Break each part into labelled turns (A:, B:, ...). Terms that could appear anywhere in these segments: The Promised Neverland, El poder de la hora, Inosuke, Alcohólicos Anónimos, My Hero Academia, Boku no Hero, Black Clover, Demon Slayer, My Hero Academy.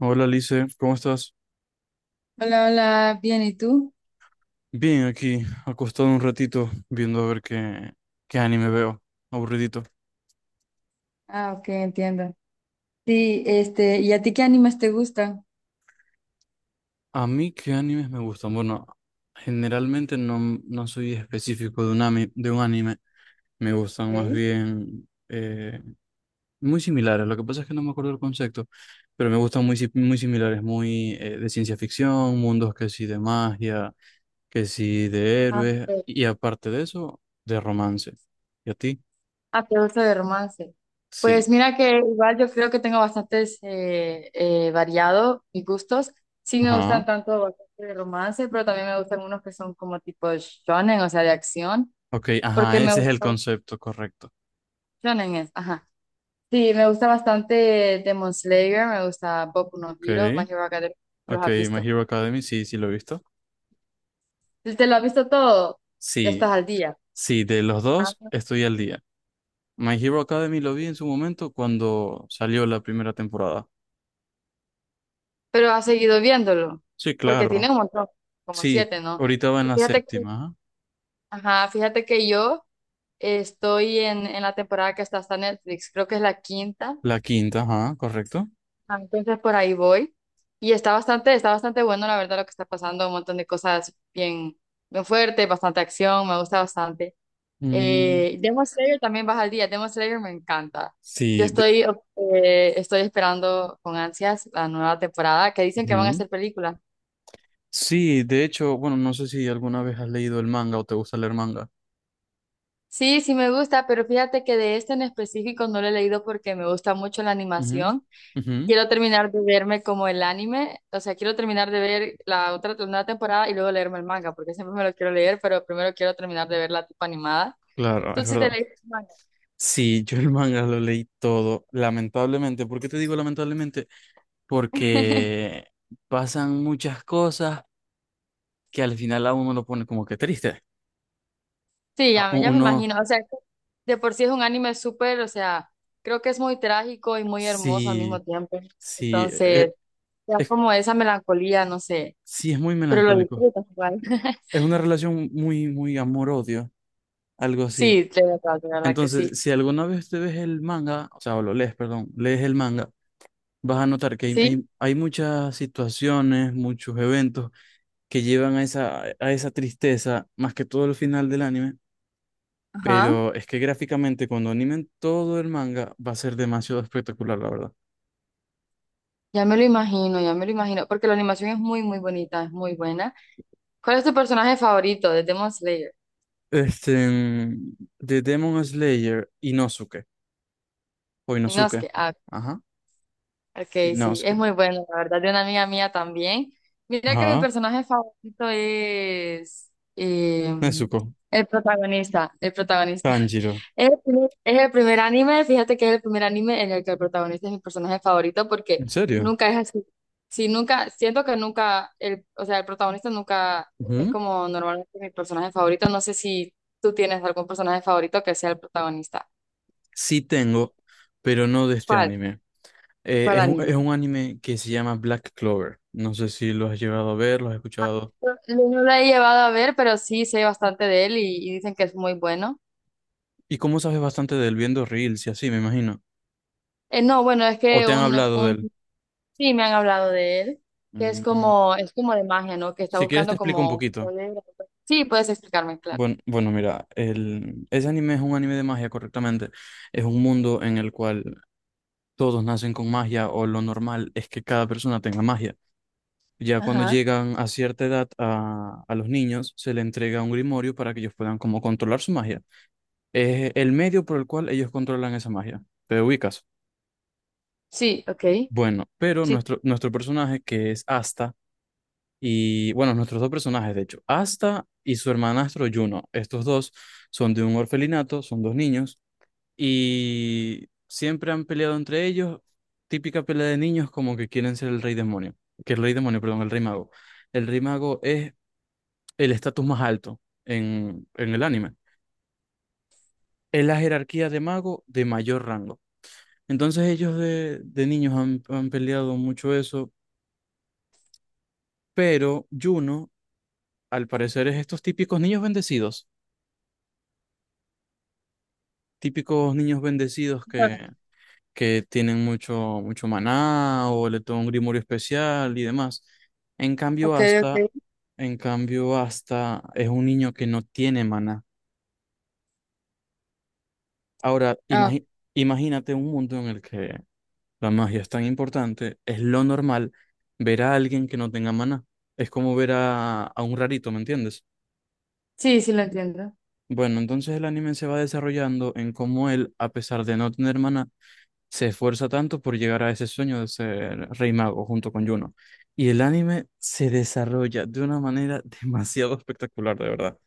A: Hola Lice, ¿cómo estás?
B: Hola, hola, bien, ¿y tú?
A: Bien, aquí, acostado un ratito, viendo a ver qué, qué anime veo. Aburridito.
B: Ah, ok, entiendo. Sí, este, ¿y a ti qué animes te gustan?
A: A mí, ¿qué animes me gustan? Bueno, generalmente no, no soy específico de un, de un anime. Me gustan más
B: Ok.
A: bien muy similares. Lo que pasa es que no me acuerdo el concepto, pero me gustan muy, muy similares, muy de ciencia ficción, mundos que sí de magia, que sí de
B: Ah,
A: héroes,
B: ok.
A: y aparte de eso, de romance. ¿Y a ti?
B: Ah, te gusta de romance. Pues
A: Sí.
B: mira que igual yo creo que tengo bastantes variado mis gustos. Sí me
A: Ajá.
B: gustan tanto bastante de romance, pero también me gustan unos que son como tipo shonen, o sea, de acción,
A: Ok,
B: porque
A: ajá,
B: me
A: ese es el
B: gusta
A: concepto correcto.
B: shonen es, ajá. Sí, me gusta bastante Demon Slayer, me gusta Boku no Hero, My
A: Ok,
B: Hero Academia, los
A: ok,
B: has
A: My
B: visto.
A: Hero Academy, sí, sí lo he visto.
B: Si ¿te lo has visto todo? Ya
A: Sí,
B: estás al día.
A: sí, de los
B: Ah,
A: dos estoy al día. My Hero Academy lo vi en su momento cuando salió la primera temporada.
B: pero has seguido viéndolo,
A: Sí,
B: porque tiene
A: claro,
B: un montón, como
A: sí,
B: siete, ¿no?
A: ahorita va en
B: Pero
A: la
B: fíjate que,
A: séptima, ajá.
B: ajá, fíjate que yo estoy en la temporada que está hasta Netflix, creo que es la quinta.
A: La quinta, ajá, correcto.
B: Ah, entonces por ahí voy. Y está bastante bueno, la verdad, lo que está pasando, un montón de cosas bien, bien fuertes, bastante acción, me gusta bastante.
A: Mm,
B: Demon Slayer también baja al día, Demon Slayer me encanta. Yo
A: sí, de,
B: estoy, estoy esperando con ansias la nueva temporada, que dicen que van a
A: ujú.
B: hacer película.
A: Sí, de hecho, bueno, no sé si alguna vez has leído el manga o te gusta leer manga.
B: Sí, sí me gusta, pero fíjate que de este en específico no lo he leído porque me gusta mucho la
A: Ujú,
B: animación.
A: ujú.
B: Quiero terminar de verme como el anime, o sea, quiero terminar de ver la otra la nueva temporada y luego leerme el manga, porque siempre me lo quiero leer, pero primero quiero terminar de ver la tipo animada.
A: Claro,
B: ¿Tú
A: es
B: sí te
A: verdad.
B: leíste el manga?
A: Sí, yo el manga lo leí todo, lamentablemente. ¿Por qué te digo lamentablemente? Porque pasan muchas cosas que al final a uno lo pone como que triste.
B: Sí, ya, ya me
A: Uno
B: imagino, o sea, que de por sí es un anime súper, o sea, creo que es muy trágico y muy hermoso al mismo
A: sí,
B: tiempo.
A: sí,
B: Entonces, ya
A: es,
B: como esa melancolía, no sé,
A: sí es muy
B: pero lo
A: melancólico.
B: disfrutas igual.
A: Es una relación muy, muy amor-odio, algo así.
B: Sí, de verdad que sí.
A: Entonces, si alguna vez te ves el manga, o sea, o lo lees, perdón, lees el manga, vas a notar que hay,
B: Sí,
A: hay muchas situaciones, muchos eventos que llevan a esa tristeza, más que todo el final del anime.
B: ajá,
A: Pero es que gráficamente, cuando animen todo el manga, va a ser demasiado espectacular, la verdad.
B: ya me lo imagino, ya me lo imagino, porque la animación es muy, muy bonita, es muy buena. ¿Cuál es tu personaje favorito de Demon Slayer?
A: Este, mm, de Demon Slayer, Inosuke, o
B: Inosuke, ah,
A: ajá,
B: ok, sí,
A: Inosuke,
B: es muy bueno, la verdad, de una amiga mía también. Mira que mi
A: ajá,
B: personaje favorito es eh,
A: Nezuko,
B: el protagonista, el protagonista.
A: Tanjiro,
B: Es el primer anime, fíjate que es el primer anime en el que el protagonista es mi personaje favorito porque
A: ¿en serio?
B: nunca es así. Sí, nunca, siento que nunca, el, o sea, el protagonista nunca es
A: Ujú.
B: como normalmente mi personaje favorito. No sé si tú tienes algún personaje favorito que sea el protagonista.
A: Sí tengo, pero no de este
B: ¿Cuál?
A: anime.
B: ¿Cuál anime?
A: Es un anime que se llama Black Clover. No sé si lo has llegado a ver, lo has
B: Ah,
A: escuchado.
B: no, no lo he llevado a ver, pero sí sé bastante de él y dicen que es muy bueno.
A: ¿Y cómo sabes bastante de él viendo reels y así, me imagino?
B: No, bueno, es
A: ¿O
B: que
A: te han
B: un,
A: hablado de
B: un
A: él?
B: Sí, me han hablado de él, que
A: Mm,
B: es como de magia, ¿no? Que está
A: si quieres te
B: buscando
A: explico un
B: como
A: poquito.
B: poder. Sí, puedes explicarme, claro.
A: Bueno, bueno, mira, ese anime es un anime de magia, correctamente. Es un mundo en el cual todos nacen con magia o lo normal es que cada persona tenga magia. Ya cuando
B: Ajá.
A: llegan a cierta edad a los niños, se le entrega un grimorio para que ellos puedan como controlar su magia. Es el medio por el cual ellos controlan esa magia. ¿Te ubicas?
B: Sí, ok.
A: Bueno, pero
B: Sí.
A: nuestro, nuestro personaje, que es Asta, y bueno, nuestros dos personajes, de hecho, Asta y su hermanastro Juno. Estos dos son de un orfelinato, son dos niños y siempre han peleado entre ellos. Típica pelea de niños como que quieren ser el rey demonio, que el rey demonio, perdón, el rey mago. El rey mago es el estatus más alto en el anime. Es la jerarquía de mago de mayor rango. Entonces ellos de niños han, han peleado mucho eso, pero Juno, al parecer, es estos típicos niños bendecidos, típicos niños bendecidos
B: Claro.
A: que tienen mucho, mucho maná o le toman un grimorio especial y demás. En cambio,
B: Ok, ok.
A: Asta, en cambio, Asta es un niño que no tiene maná. Ahora,
B: Ah,
A: imagínate un mundo en el que la magia es tan importante, es lo normal ver a alguien que no tenga maná. Es como ver a un rarito, ¿me entiendes?
B: sí, sí lo entiendo.
A: Bueno, entonces el anime se va desarrollando en cómo él, a pesar de no tener maná, se esfuerza tanto por llegar a ese sueño de ser rey mago junto con Yuno. Y el anime se desarrolla de una manera demasiado espectacular, de verdad.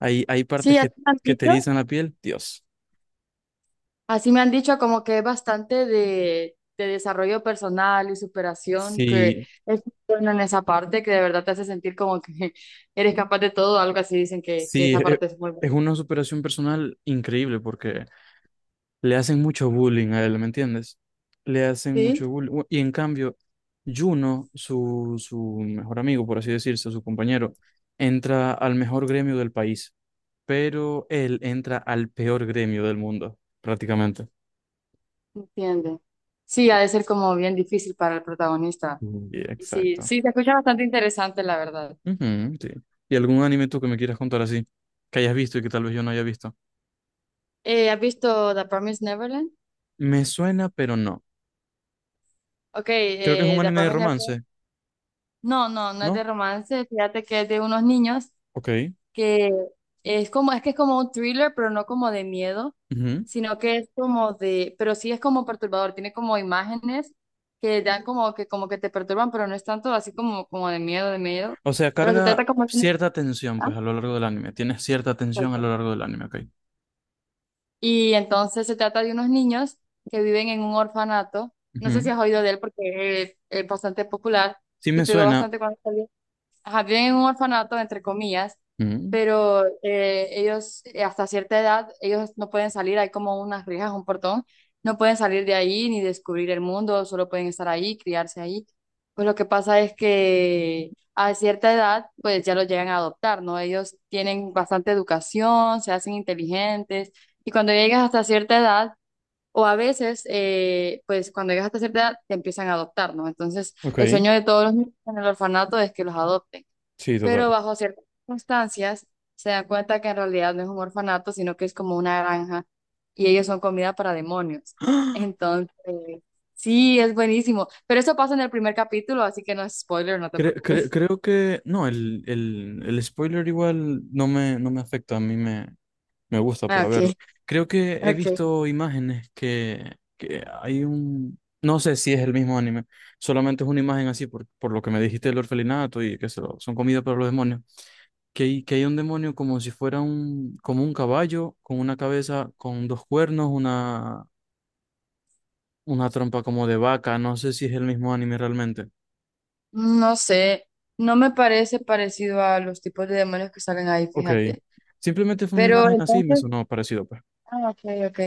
A: Hay
B: Sí,
A: partes
B: así me han
A: que te
B: dicho.
A: erizan la piel, Dios.
B: Así me han dicho como que es bastante de desarrollo personal y superación, que
A: Sí,
B: es bueno en esa parte, que de verdad te hace sentir como que eres capaz de todo, algo así dicen que
A: sí,
B: esa parte es muy buena.
A: es una superación personal increíble porque le hacen mucho bullying a él, ¿me entiendes? Le hacen
B: Sí,
A: mucho bullying. Bueno, y en cambio, Juno su, su mejor amigo, por así decirse, su compañero, entra al mejor gremio del país pero él entra al peor gremio del mundo, prácticamente.
B: entiende. Sí, ha de ser como bien difícil para el protagonista.
A: Mm. Y
B: Sí,
A: exacto.
B: sí, se escucha bastante interesante, la verdad.
A: Ujú, sí. ¿Y algún anime tú que me quieras contar así? Que hayas visto y que tal vez yo no haya visto.
B: ¿Has visto The Promised Neverland?
A: Me suena, pero no.
B: Ok,
A: Creo que es un
B: The
A: anime de
B: Promised Neverland.
A: romance,
B: No, no, no es de
A: ¿no?
B: romance. Fíjate que es de unos niños
A: Ok.
B: que es como, es que es como un thriller, pero no como de miedo,
A: Ujú.
B: sino que es como de, pero sí es como perturbador. Tiene como imágenes que dan como que te perturban, pero no es tanto así como de miedo, de miedo.
A: O sea,
B: Pero se
A: carga
B: trata como de...
A: cierta tensión,
B: ah,
A: pues, a lo largo del anime. Tienes cierta tensión a
B: ok.
A: lo largo del anime, ok.
B: Y entonces se trata de unos niños que viven en un orfanato. No sé si
A: Ujú.
B: has oído de él porque es bastante popular
A: Sí
B: y
A: me
B: pegó
A: suena.
B: bastante cuando salió, ajá, viven en un orfanato, entre comillas,
A: Ujú.
B: pero ellos hasta cierta edad, ellos no pueden salir, hay como unas rejas, un portón, no pueden salir de ahí ni descubrir el mundo, solo pueden estar ahí, criarse ahí. Pues lo que pasa es que a cierta edad, pues ya los llegan a adoptar, ¿no? Ellos tienen bastante educación, se hacen inteligentes, y cuando llegas hasta cierta edad, o a veces, pues cuando llegas hasta cierta edad, te empiezan a adoptar, ¿no? Entonces...
A: Ok.
B: el sueño de todos los niños en el orfanato es que los adopten,
A: Sí,
B: pero
A: total.
B: bajo ciertas circunstancias se dan cuenta que en realidad no es un orfanato, sino que es como una granja y ellos son comida para demonios. Entonces, sí, es buenísimo. Pero eso pasa en el primer capítulo, así que no es spoiler, no te preocupes.
A: Creo que... No, el spoiler igual no me, no me afecta. A mí me, me gusta
B: Ah,
A: para
B: ok,
A: verlo. Creo que he
B: ok.
A: visto imágenes que hay un... No sé si es el mismo anime. Solamente es una imagen así por lo que me dijiste del orfelinato y que son comida para los demonios. Que hay un demonio como si fuera un, como un caballo, con una cabeza, con dos cuernos, una trompa como de vaca. No sé si es el mismo anime realmente.
B: No sé, no me parece parecido a los tipos de demonios que salen ahí,
A: Ok.
B: fíjate.
A: Simplemente fue una
B: Pero
A: imagen así y me
B: entonces,
A: sonó parecido, pues.
B: ah, ok, ok.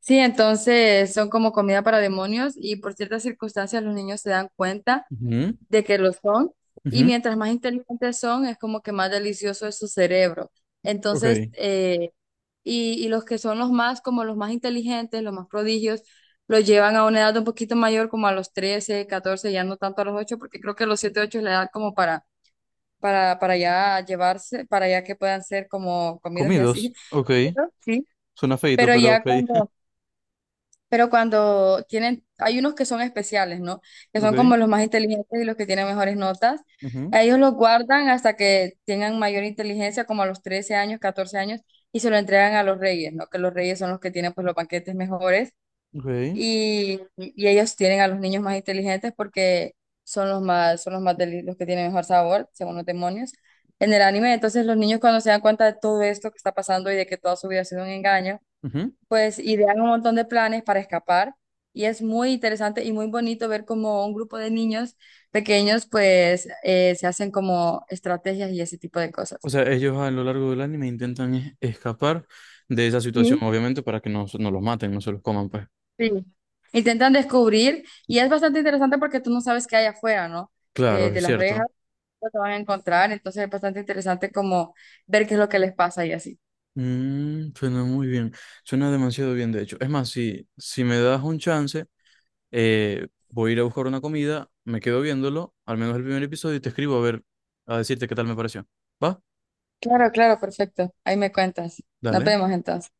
B: Sí, entonces son como comida para demonios y por ciertas circunstancias los niños se dan cuenta
A: Ujú,
B: de que lo son, y
A: ujú,
B: mientras más inteligentes son, es como que más delicioso es su cerebro. Entonces,
A: ok.
B: y los que son los más, como los más inteligentes, los más prodigios, los llevan a una edad un poquito mayor, como a los 13 14, ya no tanto a los 8 porque creo que los 7 8 es la edad como para ya llevarse, para ya que puedan ser como comidos y así.
A: Comidos. Ok.
B: ¿No? Sí.
A: Suena feito,
B: Pero
A: pero
B: ya
A: ok.
B: cuando pero cuando tienen, hay unos que son especiales, ¿no? Que son
A: Ok.
B: como los más inteligentes y los que tienen mejores notas.
A: Ujú,
B: A ellos los guardan hasta que tengan mayor inteligencia, como a los 13 años, 14 años, y se lo entregan a los reyes, ¿no? Que los reyes son los que tienen pues los banquetes mejores
A: ok,
B: y ellos tienen a los niños más inteligentes porque son los más los que tienen mejor sabor, según los demonios. En el anime, entonces los niños cuando se dan cuenta de todo esto que está pasando y de que toda su vida ha sido un engaño,
A: ujú.
B: pues idean un montón de planes para escapar, y es muy interesante y muy bonito ver cómo un grupo de niños pequeños pues se hacen como estrategias y ese tipo de
A: O
B: cosas.
A: sea, ellos a lo largo del anime intentan escapar de esa situación,
B: Sí.
A: obviamente, para que no, no los maten, no se los coman, pues.
B: Sí. Intentan descubrir y es bastante interesante porque tú no sabes qué hay afuera, ¿no?
A: Claro,
B: De
A: es
B: las
A: cierto.
B: rejas, lo que van a encontrar, entonces es bastante interesante como ver qué es lo que les pasa y así.
A: Mm, suena muy bien. Suena demasiado bien, de hecho. Es más, si, si me das un chance, voy a ir a buscar una comida, me quedo viéndolo, al menos el primer episodio, y te escribo a ver, a decirte qué tal me pareció. ¿Va?
B: Claro, claro, perfecto. Ahí me cuentas. Nos
A: Dale.
B: vemos entonces.